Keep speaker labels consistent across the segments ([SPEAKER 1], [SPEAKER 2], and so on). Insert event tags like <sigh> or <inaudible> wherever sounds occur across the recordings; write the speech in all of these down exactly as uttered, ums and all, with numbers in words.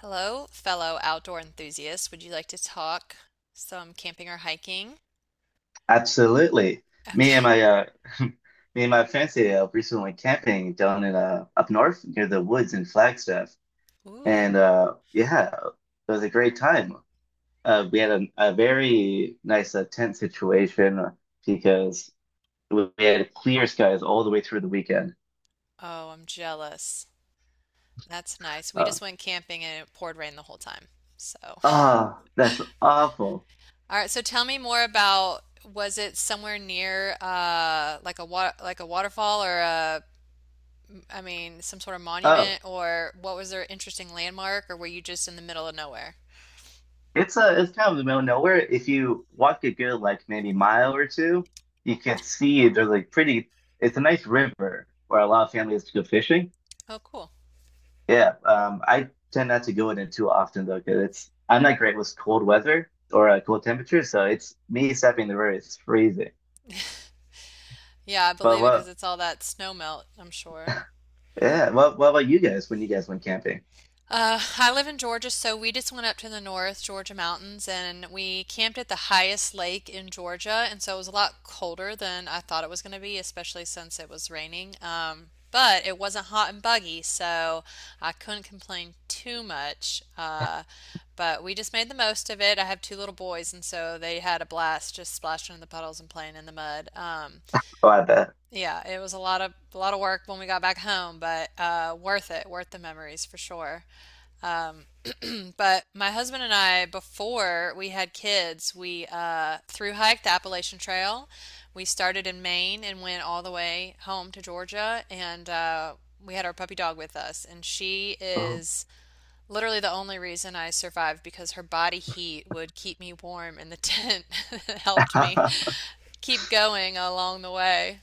[SPEAKER 1] Hello, fellow outdoor enthusiasts. Would you like to talk some camping or hiking?
[SPEAKER 2] Absolutely. Me and
[SPEAKER 1] Okay.
[SPEAKER 2] my uh, <laughs> me and my fiance uh, recently went camping down in uh, up north near the woods in Flagstaff,
[SPEAKER 1] Ooh.
[SPEAKER 2] and uh, yeah, it was a great time. Uh, we had a, a very nice uh, tent situation because we had clear skies all the way through the weekend.
[SPEAKER 1] Oh, I'm jealous. That's nice. We
[SPEAKER 2] Uh,
[SPEAKER 1] just went camping and it poured rain the whole time. So, <laughs> all
[SPEAKER 2] oh, that's awful.
[SPEAKER 1] right. So tell me more about, was it somewhere near uh like a wa like a waterfall or a, I mean, some sort of
[SPEAKER 2] Oh,
[SPEAKER 1] monument, or what was their interesting landmark, or were you just in the middle of nowhere?
[SPEAKER 2] It's uh it's kind of the middle of nowhere. If you walk a good like maybe mile or two, you can see there's like pretty it's a nice river where a lot of families go fishing.
[SPEAKER 1] Oh, cool.
[SPEAKER 2] Yeah, um I tend not to go in it too often though, because it's I'm not great with cold weather or uh, cold temperatures, so it's me stepping in the river, it's freezing.
[SPEAKER 1] Yeah, I
[SPEAKER 2] But
[SPEAKER 1] believe it because
[SPEAKER 2] what
[SPEAKER 1] it's all that snow melt, I'm sure.
[SPEAKER 2] yeah, what what about you guys when you guys went camping?
[SPEAKER 1] Uh, I live in Georgia, so we just went up to the North Georgia mountains and we camped at the highest lake in Georgia. And so it was a lot colder than I thought it was going to be, especially since it was raining. Um, but it wasn't hot and buggy, so I couldn't complain too much. Uh, but we just made the most of it. I have two little boys, and so they had a blast just splashing in the puddles and playing in the mud. Um,
[SPEAKER 2] Oh, I bet.
[SPEAKER 1] yeah, it was a lot of a lot of work when we got back home, but uh, worth it, worth the memories for sure. But my husband and I, before we had kids, we uh, thru hiked the Appalachian Trail. We started in Maine and went all the way home to Georgia, and uh, we had our puppy dog with us. And she
[SPEAKER 2] Oh.
[SPEAKER 1] is literally the only reason I survived because her body heat would keep me warm in the tent. <laughs> It helped me
[SPEAKER 2] <laughs>
[SPEAKER 1] keep going along the way.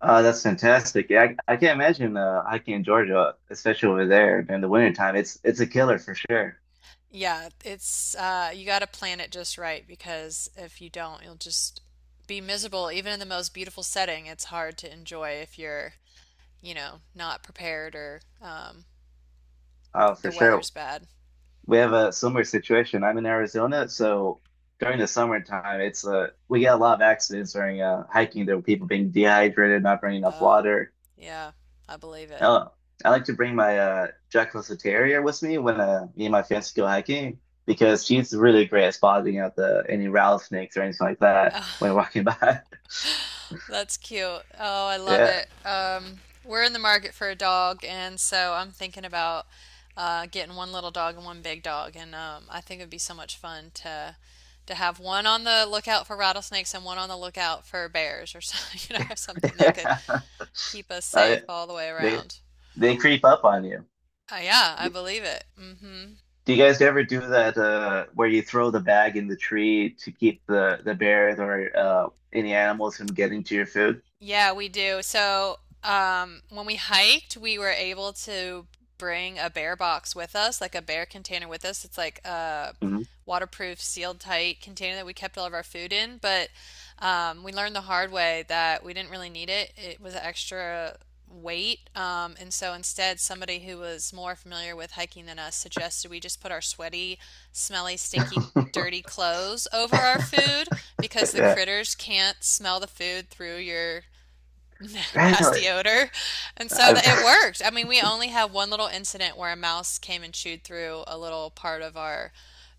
[SPEAKER 2] Uh, that's fantastic. Yeah, I, I can't imagine uh, hiking in Georgia, especially over there during the wintertime. It's it's a killer for sure.
[SPEAKER 1] Yeah, it's uh you got to plan it just right because if you don't, you'll just be miserable. Even in the most beautiful setting, it's hard to enjoy if you're, you know, not prepared, or um
[SPEAKER 2] Oh, for
[SPEAKER 1] the
[SPEAKER 2] sure.
[SPEAKER 1] weather's bad.
[SPEAKER 2] We have a similar situation. I'm in Arizona, so during the summertime, it's uh, we get a lot of accidents during uh, hiking. There were people being dehydrated, not bringing enough
[SPEAKER 1] Oh,
[SPEAKER 2] water.
[SPEAKER 1] yeah, I believe it.
[SPEAKER 2] Oh, I like to bring my uh, Jack Russell Terrier with me when uh, me and my fiance go hiking because she's really great at spotting out the any rattlesnakes or anything like that when walking by. <laughs>
[SPEAKER 1] That's cute. Oh, I love
[SPEAKER 2] Yeah.
[SPEAKER 1] it. Um, we're in the market for a dog, and so I'm thinking about uh, getting one little dog and one big dog, and um, I think it'd be so much fun to to have one on the lookout for rattlesnakes and one on the lookout for bears, or something, <laughs> you know, something that could
[SPEAKER 2] <laughs>
[SPEAKER 1] keep us
[SPEAKER 2] Uh,
[SPEAKER 1] safe all the way
[SPEAKER 2] they
[SPEAKER 1] around.
[SPEAKER 2] they creep up on you.
[SPEAKER 1] Uh, yeah, I
[SPEAKER 2] Do
[SPEAKER 1] believe it. Hmm.
[SPEAKER 2] you guys ever do that uh, where you throw the bag in the tree to keep the the bears or uh, any animals from getting to your food?
[SPEAKER 1] Yeah, we do. So, um, when we hiked, we were able to bring a bear box with us, like a bear container with us. It's like a
[SPEAKER 2] Mhm.
[SPEAKER 1] waterproof, sealed tight container that we kept all of our food in. But um, we learned the hard way that we didn't really need it. It was an extra weight. Um, and so instead, somebody who was more familiar with hiking than us suggested we just put our sweaty, smelly, stinky,
[SPEAKER 2] <laughs>
[SPEAKER 1] dirty clothes over our food because the
[SPEAKER 2] Yeah,
[SPEAKER 1] critters can't smell the food through your <laughs>
[SPEAKER 2] really.
[SPEAKER 1] nasty odor. And so
[SPEAKER 2] I,
[SPEAKER 1] that it
[SPEAKER 2] <laughs>
[SPEAKER 1] worked. I mean, we only had one little incident where a mouse came and chewed through a little part of our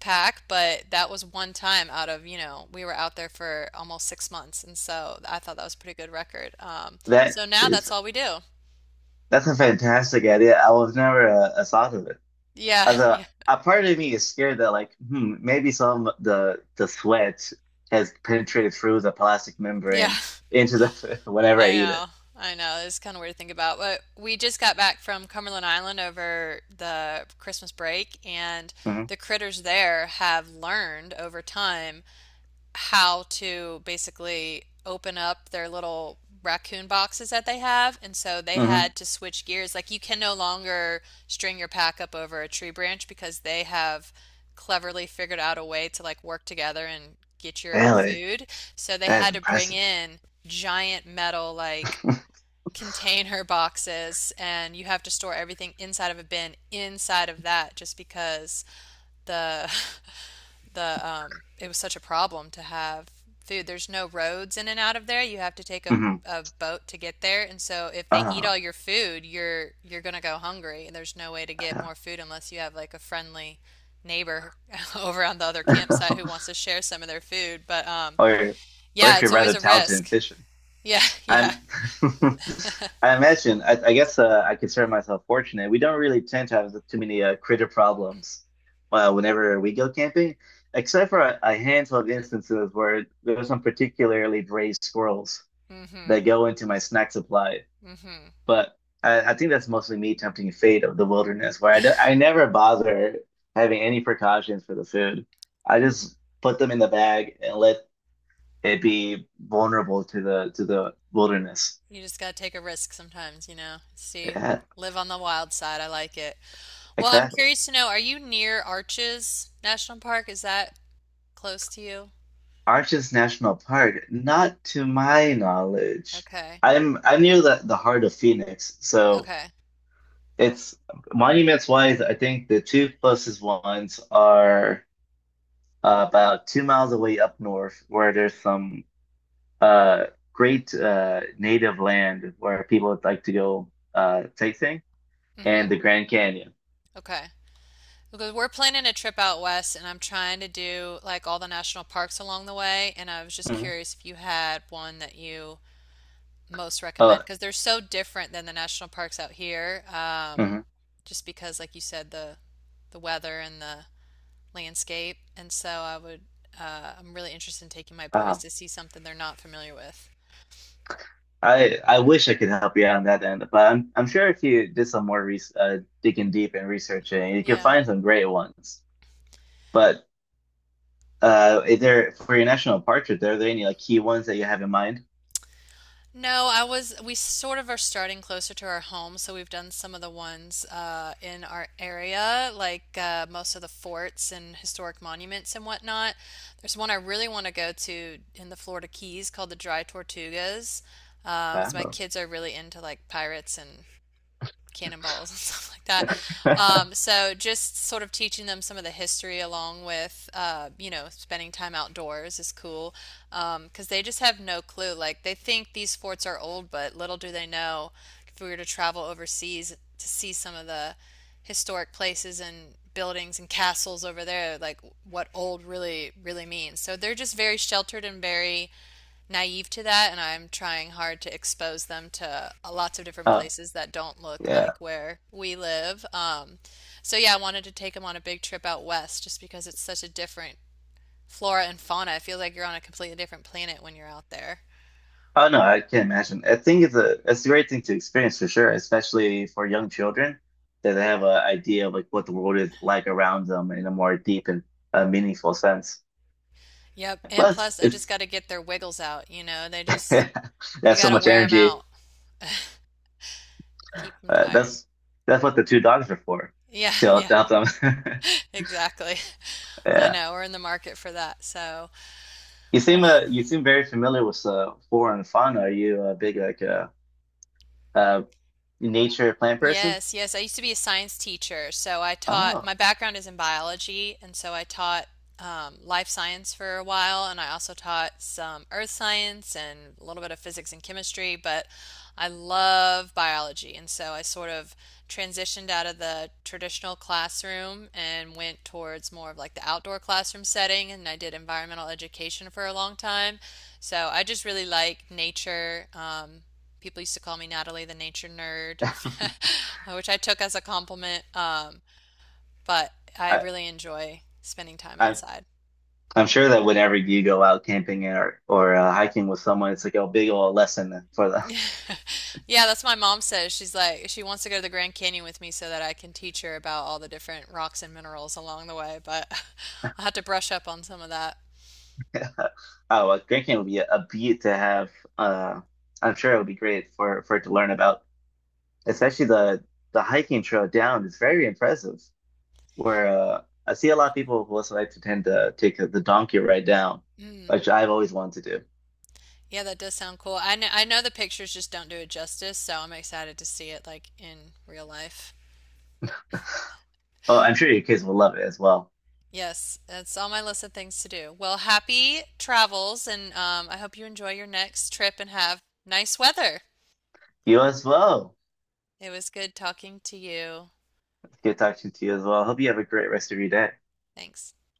[SPEAKER 1] pack, but that was one time out of, you know, we were out there for almost six months. And so I thought that was a pretty good record. Um, so
[SPEAKER 2] that
[SPEAKER 1] now that's
[SPEAKER 2] is
[SPEAKER 1] all we do.
[SPEAKER 2] that's a fantastic idea. I was never uh, uh, thought of it.
[SPEAKER 1] Yeah,
[SPEAKER 2] As
[SPEAKER 1] <laughs> yeah,
[SPEAKER 2] a a part of me is scared that like hmm, maybe some the the sweat has penetrated through the plastic
[SPEAKER 1] yeah.
[SPEAKER 2] membrane into the <laughs> whenever I
[SPEAKER 1] I
[SPEAKER 2] eat it.
[SPEAKER 1] know. I know. It's kind of weird to think about. But we just got back from Cumberland Island over the Christmas break, and the critters there have learned over time how to basically open up their little raccoon boxes that they have. And so they
[SPEAKER 2] Hmm.
[SPEAKER 1] had to switch gears. Like, you can no longer string your pack up over a tree branch because they have cleverly figured out a way to like work together and get your
[SPEAKER 2] Really?
[SPEAKER 1] food. So they
[SPEAKER 2] That is
[SPEAKER 1] had to bring
[SPEAKER 2] impressive.
[SPEAKER 1] in giant metal like
[SPEAKER 2] <laughs>
[SPEAKER 1] container <laughs> boxes, and you have to store everything inside of a bin inside of that just because the the um, it was such a problem to have food. There's no roads in and out of there. You have to take a,
[SPEAKER 2] Hmm.
[SPEAKER 1] a boat to get there. And so if they eat
[SPEAKER 2] Oh,
[SPEAKER 1] all your food, you're you're gonna go hungry, and there's no way to get
[SPEAKER 2] yeah.
[SPEAKER 1] more food unless you have like a friendly neighbor <laughs> over on the other campsite who wants
[SPEAKER 2] <laughs>
[SPEAKER 1] to share some of their food. But um,
[SPEAKER 2] Or, or
[SPEAKER 1] yeah,
[SPEAKER 2] if you're
[SPEAKER 1] it's always
[SPEAKER 2] rather
[SPEAKER 1] a
[SPEAKER 2] talented in
[SPEAKER 1] risk.
[SPEAKER 2] fishing.
[SPEAKER 1] Yeah, <laughs> yeah.
[SPEAKER 2] I'm, <laughs> I imagine, I, I guess uh, I consider myself fortunate. We don't really tend to have too many uh, critter problems uh, whenever we go camping, except for a, a handful of instances where there's some particularly brave squirrels
[SPEAKER 1] Mm-hmm.
[SPEAKER 2] that go into my snack supply.
[SPEAKER 1] Mm-hmm.
[SPEAKER 2] But I, I think that's mostly me tempting fate of the wilderness, where I, do, I never bother having any precautions for the food. I just put them in the bag and let it be vulnerable to the to the wilderness.
[SPEAKER 1] You just gotta take a risk sometimes, you know. See,
[SPEAKER 2] Yeah,
[SPEAKER 1] live on the wild side. I like it. Well, I'm
[SPEAKER 2] exactly.
[SPEAKER 1] curious to know, are you near Arches National Park? Is that close to you?
[SPEAKER 2] Arches National Park, not to my knowledge.
[SPEAKER 1] Okay.
[SPEAKER 2] I'm I'm near the, the heart of Phoenix, so
[SPEAKER 1] Okay.
[SPEAKER 2] it's monuments wise, I think the two closest ones are uh, about two miles away up north, where there's some uh, great uh, native land where people would like to go uh, sightseeing
[SPEAKER 1] Hmm.
[SPEAKER 2] and the Grand Canyon.
[SPEAKER 1] Okay. Because we're planning a trip out west and I'm trying to do like all the national parks along the way, and I was just
[SPEAKER 2] Mhm.
[SPEAKER 1] curious if you had one that you most
[SPEAKER 2] Uh,
[SPEAKER 1] recommend because they're so different than the national parks out here. Um,
[SPEAKER 2] Mhm.
[SPEAKER 1] just because like you said, the the weather and the landscape, and so I would, uh, I'm really interested in taking my boys
[SPEAKER 2] uh,
[SPEAKER 1] to see something they're not familiar with.
[SPEAKER 2] I I wish I could help you out on that end, but I'm I'm sure if you did some more re uh, digging deep and researching, you could
[SPEAKER 1] Yeah.
[SPEAKER 2] find some great ones. But uh, is there for your national park trip, are there any like key ones that you have in mind?
[SPEAKER 1] No, I was, we sort of are starting closer to our home, so we've done some of the ones uh, in our area, like uh, most of the forts and historic monuments and whatnot. There's one I really want to go to in the Florida Keys called the Dry Tortugas. Um, so my
[SPEAKER 2] Wow.
[SPEAKER 1] kids are really into like pirates and cannonballs <laughs> and stuff like that. Um,
[SPEAKER 2] <laughs>
[SPEAKER 1] so just sort of teaching them some of the history along with, uh, you know, spending time outdoors is cool because um, they just have no clue. Like, they think these forts are old, but little do they know if we were to travel overseas to see some of the historic places and buildings and castles over there, like what old really really means. So they're just very sheltered and very naive to that, and I'm trying hard to expose them to uh, lots of different
[SPEAKER 2] Uh,
[SPEAKER 1] places that don't look
[SPEAKER 2] yeah.
[SPEAKER 1] like where we live. Um, so yeah, I wanted to take them on a big trip out west just because it's such a different flora and fauna. It feels like you're on a completely different planet when you're out there.
[SPEAKER 2] Oh no, I can't imagine. I think it's a it's a great thing to experience for sure, especially for young children that they have an idea of like what the world is like around them in a more deep and uh, meaningful sense.
[SPEAKER 1] Yep, and
[SPEAKER 2] Plus,
[SPEAKER 1] plus I just
[SPEAKER 2] it's
[SPEAKER 1] got to get their wiggles out, you know. They just,
[SPEAKER 2] <laughs>
[SPEAKER 1] we
[SPEAKER 2] that's
[SPEAKER 1] got
[SPEAKER 2] so
[SPEAKER 1] to
[SPEAKER 2] much
[SPEAKER 1] wear them
[SPEAKER 2] energy.
[SPEAKER 1] out, keep them
[SPEAKER 2] Uh,
[SPEAKER 1] tired.
[SPEAKER 2] that's that's what the two dogs are for,
[SPEAKER 1] Yeah,
[SPEAKER 2] to
[SPEAKER 1] yeah,
[SPEAKER 2] help them. <laughs>
[SPEAKER 1] <laughs> exactly. I
[SPEAKER 2] Yeah,
[SPEAKER 1] know, we're in the market for that. So,
[SPEAKER 2] you seem uh, you seem very familiar with uh, flora and fauna. Are you a big like uh, uh nature plant person?
[SPEAKER 1] yes, yes. I used to be a science teacher, so I taught,
[SPEAKER 2] Oh,
[SPEAKER 1] my background is in biology, and so I taught um, life science for a while, and I also taught some earth science and a little bit of physics and chemistry, but I love biology, and so I sort of transitioned out of the traditional classroom and went towards more of like the outdoor classroom setting, and I did environmental education for a long time. So I just really like nature. Um, people used to call me Natalie the nature nerd,
[SPEAKER 2] <laughs>
[SPEAKER 1] <laughs> which I took as a compliment. Um, but I
[SPEAKER 2] I,
[SPEAKER 1] really enjoy spending time
[SPEAKER 2] I
[SPEAKER 1] outside.
[SPEAKER 2] I'm sure that whenever you go out camping or or uh, hiking with someone, it's like a big old lesson for them.
[SPEAKER 1] <laughs> Yeah, that's what my mom says. She's like, she wants to go to the Grand Canyon with me so that I can teach her about all the different rocks and minerals along the way, but <laughs> I'll have to brush up on some of that.
[SPEAKER 2] <laughs> Oh, well, drinking would be a, a beat to have. Uh, I'm sure it would be great for for it to learn about. Especially the the hiking trail down is very impressive. Where uh, I see a lot of people who also like to tend to take the donkey ride down,
[SPEAKER 1] Mm,
[SPEAKER 2] which I've always wanted to do.
[SPEAKER 1] yeah, that does sound cool. I know, I know the pictures just don't do it justice, so I'm excited to see it like in real life.
[SPEAKER 2] Oh, I'm sure your kids will love it as well.
[SPEAKER 1] Yes, that's on my list of things to do. Well, happy travels, and um, I hope you enjoy your next trip and have nice weather.
[SPEAKER 2] You as well.
[SPEAKER 1] It was good talking to you.
[SPEAKER 2] It's good talking to you as well. Hope you have a great rest of your day.
[SPEAKER 1] Thanks.